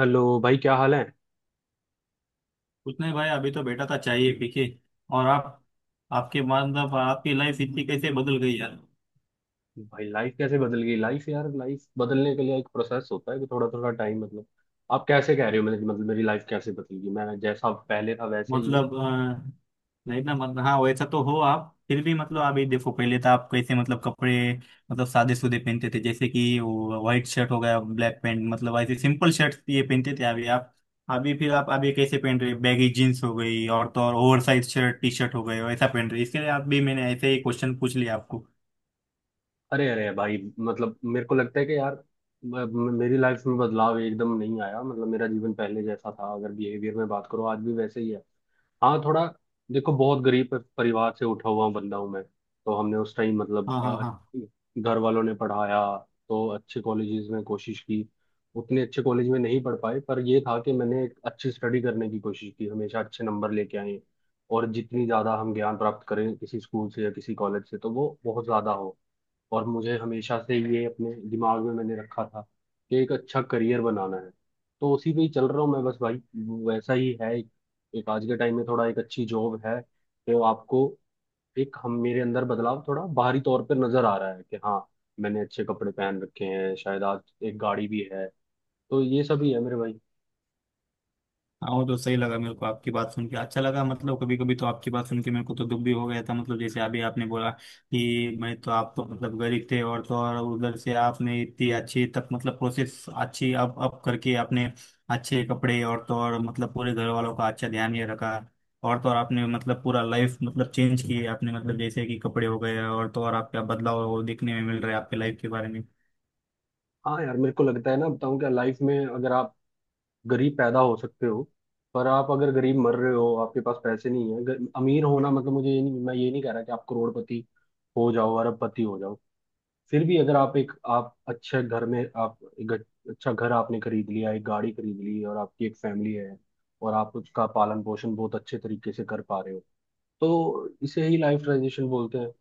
Hello भाई। क्या हाल है। कुछ नहीं भाई, अभी तो बैठा था चाहिए पी के। और आप? आपके मतलब आपकी लाइफ इतनी कैसे बदल गई यार। भाई लाइफ कैसे बदल गई। लाइफ यार, लाइफ बदलने के लिए एक प्रोसेस होता है कि थोड़ा थोड़ा टाइम मतलब आप कैसे कह रहे हो मेरी लाइफ कैसे बदल गई। मैं जैसा पहले था वैसे ही हूँ। मतलब नहीं ना, मतलब हाँ वैसा तो हो, आप फिर भी मतलब अभी देखो पहले तो आप कैसे मतलब कपड़े मतलब सादे सूदे पहनते थे, जैसे कि वो व्हाइट शर्ट हो गया, ब्लैक पैंट, मतलब ऐसे सिंपल शर्ट ये पहनते थे। अभी आप, अभी फिर आप अभी कैसे पहन रहे, बैगी जीन्स हो गई और तो और oversize shirt T shirt हो गए, वैसा पहन रहे। इसके लिए आप भी मैंने ऐसे ही क्वेश्चन पूछ लिया आपको। अरे अरे भाई, मतलब मेरे को लगता है कि यार मेरी लाइफ में बदलाव एकदम नहीं आया। मतलब मेरा जीवन पहले जैसा था, अगर बिहेवियर में बात करो आज भी वैसे ही है। हाँ थोड़ा। देखो, बहुत गरीब परिवार से उठा हुआ बंदा हूँ मैं। तो हमने उस टाइम मतलब हाँ, हाँ, हाँ। घर वालों ने पढ़ाया। तो अच्छे कॉलेजेस में कोशिश की, उतने अच्छे कॉलेज में नहीं पढ़ पाए। पर ये था कि मैंने एक अच्छी स्टडी करने की कोशिश की, हमेशा अच्छे नंबर लेके आए। और जितनी ज़्यादा हम ज्ञान प्राप्त करें किसी स्कूल से या किसी कॉलेज से तो वो बहुत ज़्यादा हो। और मुझे हमेशा से ये अपने दिमाग में मैंने रखा था कि एक अच्छा करियर बनाना है। तो उसी पे ही चल रहा हूँ मैं बस भाई। वैसा ही है। एक आज के टाइम में थोड़ा एक अच्छी जॉब है तो आपको एक हम मेरे अंदर बदलाव थोड़ा बाहरी तौर पर नजर आ रहा है कि हाँ, मैंने अच्छे कपड़े पहन रखे हैं शायद आज। एक गाड़ी भी है। तो ये सब ही है मेरे भाई। हाँ वो तो सही लगा मेरे को, आपकी बात सुन के अच्छा लगा। मतलब कभी कभी तो आपकी बात सुन के मेरे को तो दुख भी हो गया था। मतलब जैसे अभी आपने बोला कि मैं तो, आप तो मतलब गरीब थे, और तो और उधर से आपने इतनी अच्छी तक मतलब प्रोसेस अच्छी अप अप करके आपने अच्छे कपड़े, और तो और मतलब पूरे घर वालों का अच्छा ध्यान ये रखा। और तो और आपने मतलब पूरा लाइफ मतलब चेंज किए आपने, मतलब जैसे कि कपड़े हो गए और तो और आपका बदलाव दिखने में मिल रहा है आपके लाइफ के बारे में। हाँ यार, मेरे को लगता है ना, बताऊँ क्या, लाइफ में अगर आप गरीब पैदा हो सकते हो पर आप अगर गरीब मर रहे हो, आपके पास पैसे नहीं है। अमीर होना मतलब मुझे ये नहीं, मैं ये नहीं कह रहा कि आप करोड़पति हो जाओ, अरबपति हो जाओ। फिर भी अगर आप एक आप अच्छे घर में आप एक अच्छा घर आपने खरीद लिया, एक गाड़ी खरीद ली और आपकी एक फैमिली है और आप उसका पालन पोषण बहुत अच्छे तरीके से कर पा रहे हो तो इसे ही लाइफ ट्रांजिशन बोलते हैं।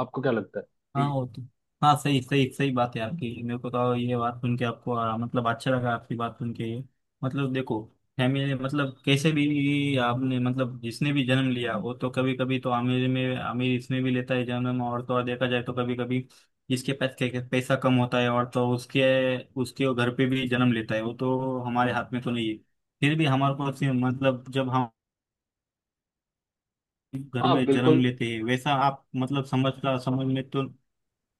आपको क्या लगता है। हाँ वो तो, हाँ सही सही सही बात है आपकी। मेरे को तो ये बात सुन के आपको मतलब अच्छा लगा आपकी बात सुन के ये। मतलब देखो, फैमिली मतलब कैसे भी आपने मतलब जिसने भी जन्म लिया, वो तो कभी कभी तो अमीर में अमीर इसमें भी लेता है जन्म, और तो और देखा जाए तो कभी कभी जिसके पास पैसा कम होता है और तो उसके, उसके घर पे भी जन्म लेता है। वो तो हमारे हाथ में तो नहीं है। फिर भी हमारे को ऐसे मतलब जब हम घर हाँ में जन्म बिल्कुल। लेते हैं, वैसा आप मतलब समझ का समझ में तो।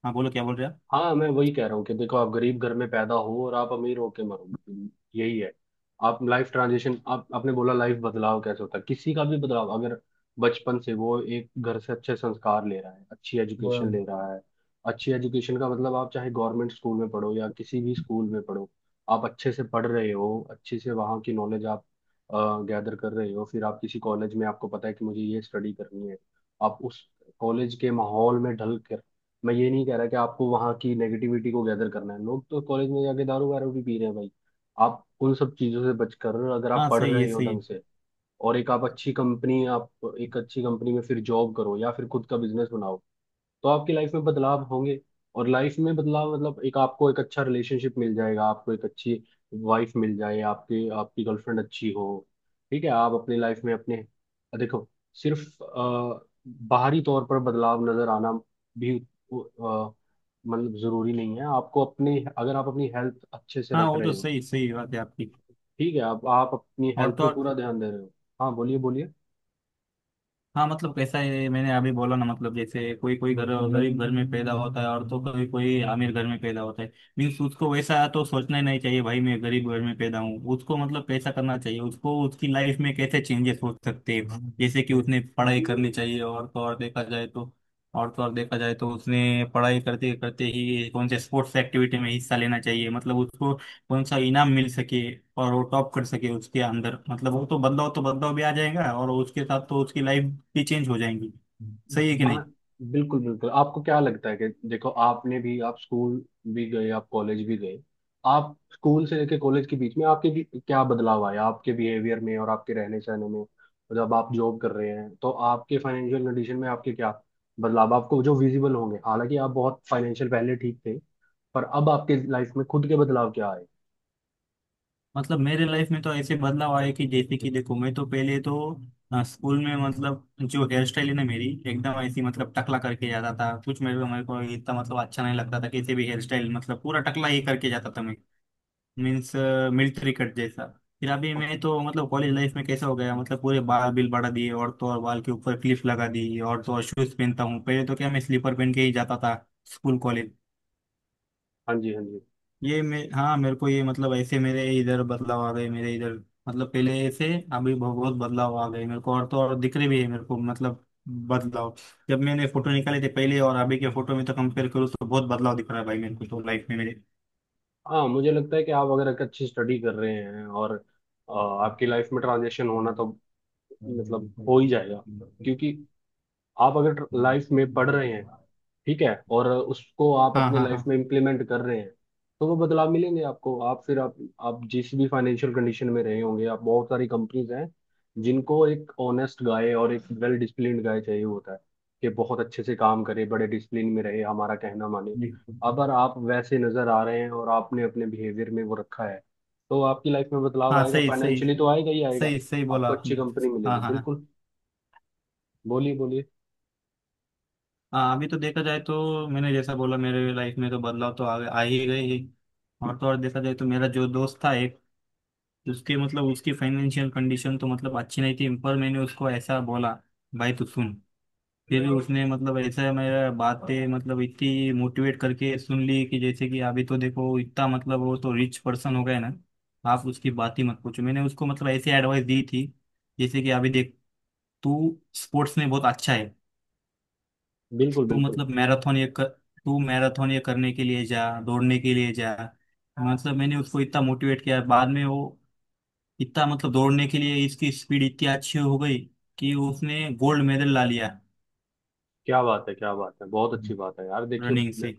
हाँ बोलो, क्या बोल रहे हैं हाँ, मैं वही कह रहा हूँ कि देखो, आप गरीब घर में पैदा हो और आप अमीर होके मरो, यही है। आप लाइफ ट्रांजिशन, आप आपने बोला लाइफ बदलाव कैसे होता है, किसी का भी बदलाव अगर बचपन से वो एक घर से अच्छे संस्कार ले रहा है, अच्छी एजुकेशन आप? ले रहा है। अच्छी एजुकेशन का मतलब आप चाहे गवर्नमेंट स्कूल में पढ़ो या किसी भी स्कूल में पढ़ो, आप अच्छे से पढ़ रहे हो, अच्छे से वहाँ की नॉलेज आप गैदर कर रहे हो। फिर आप किसी कॉलेज में आपको पता है कि मुझे ये स्टडी करनी है, आप उस कॉलेज के माहौल में ढल। मैं ये नहीं कह रहा कि आपको वहाँ की नेगेटिविटी को गैदर करना है। लोग तो कॉलेज में जाके दारू वारू भी पी रहे हैं भाई। आप उन सब चीज़ों से बचकर अगर आप हाँ पढ़ सही है, रहे हो सही है। ढंग से और एक आप अच्छी कंपनी, आप एक अच्छी कंपनी में फिर जॉब करो या फिर खुद का बिजनेस बनाओ तो आपकी लाइफ में बदलाव होंगे। और लाइफ में बदलाव मतलब एक आपको एक अच्छा रिलेशनशिप मिल जाएगा, आपको एक अच्छी वाइफ मिल जाए, आपकी आपकी गर्लफ्रेंड अच्छी हो। ठीक है, आप अपनी लाइफ में अपने देखो सिर्फ बाहरी तौर पर बदलाव नजर आना भी मतलब जरूरी नहीं है। आपको अपनी अगर आप अपनी हेल्थ अच्छे से हाँ रख वो रहे तो हो, सही सही बात है आपकी। ठीक है, आप अपनी और हेल्थ तो पे और पूरा ध्यान दे रहे हो। हाँ बोलिए बोलिए। हाँ मतलब कैसा है, मैंने अभी बोला ना। मतलब जैसे कोई कोई घर गरीब घर में पैदा होता है और तो कोई कोई अमीर घर में पैदा होता है। मीन्स उसको वैसा तो सोचना ही नहीं चाहिए भाई, मैं गरीब घर में पैदा हूँ, उसको मतलब कैसा करना चाहिए, उसको उसकी लाइफ में कैसे चेंजेस हो सकते हैं, जैसे कि उसने पढ़ाई करनी चाहिए, और तो और देखा जाए तो और देखा जाए तो उसने पढ़ाई करते करते ही कौन से स्पोर्ट्स एक्टिविटी में हिस्सा लेना चाहिए, मतलब उसको कौन सा इनाम मिल सके और वो टॉप कर सके उसके अंदर। मतलब वो तो बदलाव, तो बदलाव भी आ जाएगा और उसके साथ तो उसकी लाइफ भी चेंज हो जाएंगी। सही है कि नहीं? हाँ बिल्कुल बिल्कुल। आपको क्या लगता है कि देखो, आपने भी आप स्कूल भी गए, आप कॉलेज भी गए। आप स्कूल से लेके कॉलेज के बीच में आपके भी क्या बदलाव आया, आपके बिहेवियर में और आपके रहने सहने में। और जब आप जॉब कर रहे हैं तो आपके फाइनेंशियल कंडीशन में आपके क्या बदलाव आपको जो विजिबल होंगे, हालांकि आप बहुत फाइनेंशियल पहले ठीक थे, पर अब आपके लाइफ में खुद के बदलाव क्या आए। मतलब मेरे लाइफ में तो ऐसे बदलाव आए कि जैसे कि देखो, मैं तो पहले तो स्कूल में, मतलब जो हेयर स्टाइल है ना मेरी, एकदम ऐसी मतलब टकला करके जाता था कुछ। मेरे को इतना मतलब अच्छा नहीं लगता था कैसे भी हेयर स्टाइल, मतलब पूरा टकला ही करके जाता था मैं। मीन्स मिलिट्री कट जैसा। फिर अभी मैं तो मतलब कॉलेज लाइफ में कैसा हो गया, मतलब पूरे बाल बिल बढ़ा दिए, और तो और बाल के ऊपर क्लिप लगा दी, और तो और शूज पहनता हूँ। पहले तो क्या मैं स्लीपर पहन के ही जाता था स्कूल कॉलेज। हाँ जी, हाँ जी। ये मैं, हाँ मेरे को ये मतलब ऐसे मेरे इधर बदलाव आ गए मेरे इधर, मतलब पहले ऐसे अभी बहुत बहुत बदलाव आ गए मेरे को, और तो और दिख रहे भी है मेरे को मतलब बदलाव। जब मैंने फोटो निकाले थे पहले और अभी के फोटो में तो कंपेयर करूँ, तो बहुत बदलाव दिख रहा है भाई मेरे को तो लाइफ में मेरे। हाँ मुझे लगता है कि आप अगर एक अच्छी स्टडी कर रहे हैं और आपकी लाइफ में ट्रांजेक्शन होना तो मतलब हो ही जाएगा। क्योंकि आप अगर लाइफ में पढ़ रहे हैं, ठीक है, और उसको आप हाँ, अपने हाँ, हाँ। लाइफ में इम्प्लीमेंट कर रहे हैं तो वो बदलाव मिलेंगे आपको। आप फिर आप जिस भी फाइनेंशियल कंडीशन में रहे होंगे, आप बहुत सारी कंपनीज हैं जिनको एक ऑनेस्ट गाय और एक वेल डिसिप्लिन्ड गाय चाहिए होता है कि बहुत अच्छे से काम करे, बड़े डिसिप्लिन में रहे, हमारा कहना माने। अगर आप वैसे नजर आ रहे हैं और आपने अपने बिहेवियर में वो रखा है तो आपकी लाइफ में बदलाव हाँ आएगा, सही सही, फाइनेंशियली तो आएगा ही आएगा। सही सही बोला आपको अच्छी आपने। कंपनी हाँ, मिलेगी, हाँ, हाँ। बिल्कुल। बोलिए बोलिए। हाँ, अभी तो देखा जाए तो मैंने जैसा बोला, मेरे लाइफ में तो बदलाव तो आ ही गए ही। और तो और देखा जाए तो, मेरा जो दोस्त था एक, उसके मतलब उसकी फाइनेंशियल कंडीशन तो मतलब अच्छी नहीं थी, पर मैंने उसको ऐसा बोला, भाई तू सुन। फिर उसने मतलब ऐसा मेरा बातें मतलब इतनी मोटिवेट करके सुन ली कि जैसे कि अभी तो देखो, इतना मतलब वो तो रिच पर्सन हो गए ना, आप उसकी बात ही मत पूछो। मैंने उसको मतलब ऐसी एडवाइस दी थी, जैसे कि अभी देख, तू स्पोर्ट्स में बहुत अच्छा है, बिल्कुल तू बिल्कुल। मतलब मैराथन ये कर, तू मैराथन ये करने के लिए जा, दौड़ने के लिए जा। मतलब मैंने उसको इतना मोटिवेट किया, बाद में वो इतना मतलब दौड़ने के लिए इसकी स्पीड इतनी अच्छी हो गई कि उसने गोल्ड मेडल ला लिया, क्या बात है, क्या बात है, बहुत अच्छी बात है यार। रनिंग देखिए से।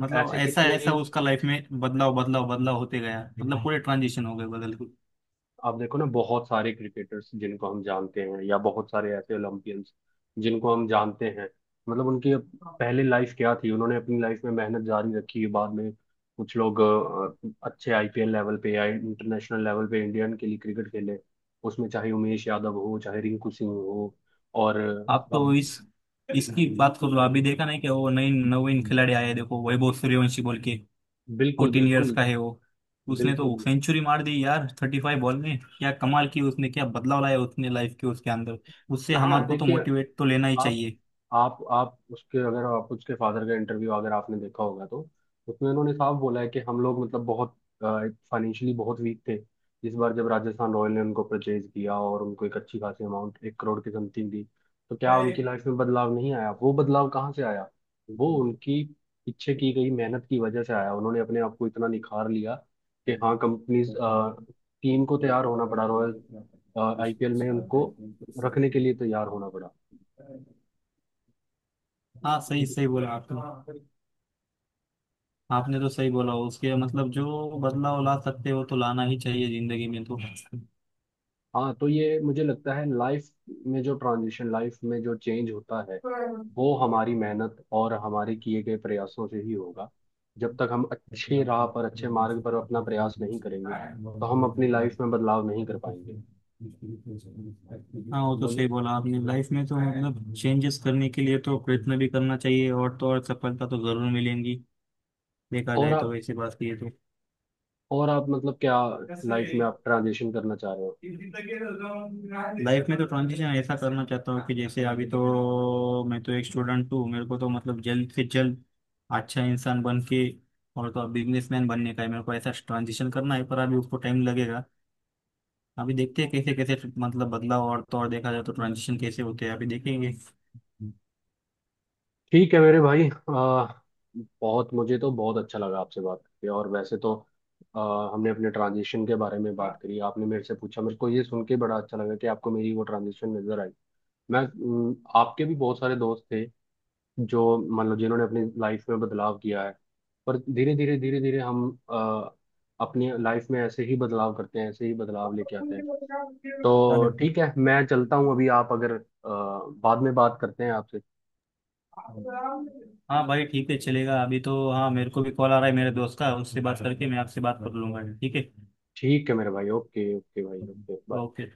मतलब ऐसे ऐसा कितने ऐसा ही, उसका लाइफ में बदलाव बदलाव बदलाव होते गया, मतलब पूरे ट्रांजिशन हो गए बदल के। आप देखो ना, बहुत सारे क्रिकेटर्स जिनको हम जानते हैं या बहुत सारे ऐसे ओलंपियंस जिनको हम जानते हैं, मतलब उनकी पहले लाइफ क्या थी, उन्होंने अपनी लाइफ में मेहनत जारी रखी। बाद में कुछ लोग अच्छे आईपीएल लेवल पे या इंटरनेशनल लेवल पे इंडियन के लिए क्रिकेट खेले, उसमें चाहे उमेश यादव हो चाहे रिंकू सिंह हो। और आप अब तो इस, इसकी बात कर लो, अभी देखा नहीं क्या वो नई नवीन खिलाड़ी आया है, देखो वैभव सूर्यवंशी बोल के। बिल्कुल 14 इयर्स बिल्कुल का है वो, उसने तो बिल्कुल। सेंचुरी मार दी यार 35 बॉल में, क्या कमाल की, उसने क्या बदलाव लाया उसने लाइफ के उसके अंदर। उससे हाँ हमारे को तो देखिए, मोटिवेट तो लेना ही आप चाहिए। आप उसके, अगर आप उसके फादर का इंटरव्यू अगर आपने देखा होगा तो उसमें उन्होंने साफ बोला है कि हम लोग मतलब बहुत फाइनेंशियली बहुत वीक थे। इस बार जब राजस्थान रॉयल ने उनको परचेज किया और उनको एक अच्छी खासी अमाउंट एक करोड़ की समथिंग दी, तो क्या उनकी लाइफ में बदलाव नहीं आया। वो बदलाव कहाँ से आया, वो उनकी पीछे की गई मेहनत की वजह से आया। उन्होंने अपने आप को इतना निखार लिया कि हाँ, कंपनीज टीम को तैयार होना पड़ा, रॉयल आईपीएल में उनको रखने के लिए तैयार होना पड़ा। हाँ सही सही बोला आपने। आपने तो सही बोला, उसके मतलब जो बदलाव ला सकते हो तो लाना ही चाहिए जिंदगी में हाँ तो ये मुझे लगता है लाइफ में जो ट्रांजिशन, लाइफ में जो चेंज होता है वो हमारी मेहनत और हमारे किए गए प्रयासों से ही होगा। तो। जब तक हम अच्छे राह हाँ पर, अच्छे मार्ग पर अपना प्रयास नहीं करेंगे तो हम अपनी लाइफ में बदलाव नहीं कर पाएंगे। वो तो सही बोलिए। बोला आपने, लाइफ में तो मतलब चेंजेस करने के लिए तो प्रयत्न भी करना चाहिए, और तो और सफलता तो जरूर मिलेंगी। देखा और जाए तो आप, वैसी बात की है तो। और आप मतलब क्या लाइफ में आप ट्रांजिशन करना चाह रहे हो। लाइफ में तो ट्रांजिशन ऐसा करना चाहता हूँ कि जैसे अभी तो मैं तो एक स्टूडेंट हूँ, मेरे को तो मतलब जल्द से जल्द अच्छा इंसान बन के और तो बिजनेसमैन बनने का है मेरे को, ऐसा ट्रांजिशन करना है, पर अभी उसको टाइम लगेगा। अभी देखते हैं कैसे कैसे मतलब बदलाव, और तो और देखा जाए तो ट्रांजिशन कैसे होते हैं अभी देखेंगे। ठीक है मेरे भाई, बहुत मुझे तो बहुत अच्छा लगा आपसे बात करके। और वैसे तो हमने अपने ट्रांजिशन के बारे में बात करी, आपने मेरे से पूछा। मेरे को ये सुन के बड़ा अच्छा लगा कि आपको मेरी वो ट्रांजिशन नजर आई। मैं आपके भी बहुत सारे दोस्त थे जो मतलब जिन्होंने अपनी लाइफ में बदलाव किया है। पर धीरे धीरे धीरे धीरे हम अपनी लाइफ में ऐसे ही बदलाव करते हैं, ऐसे ही बदलाव लेके आते हैं। तो ठीक है मैं चलता हूँ अभी। आप अगर बाद में बात करते हैं आपसे। हाँ भाई ठीक है, चलेगा। अभी तो हाँ मेरे को भी कॉल आ रहा है मेरे दोस्त का, उससे बात करके मैं आपसे बात कर लूंगा, ठीक है। ठीक है मेरे भाई, ओके, ओके भाई, ओके बाय। ओके।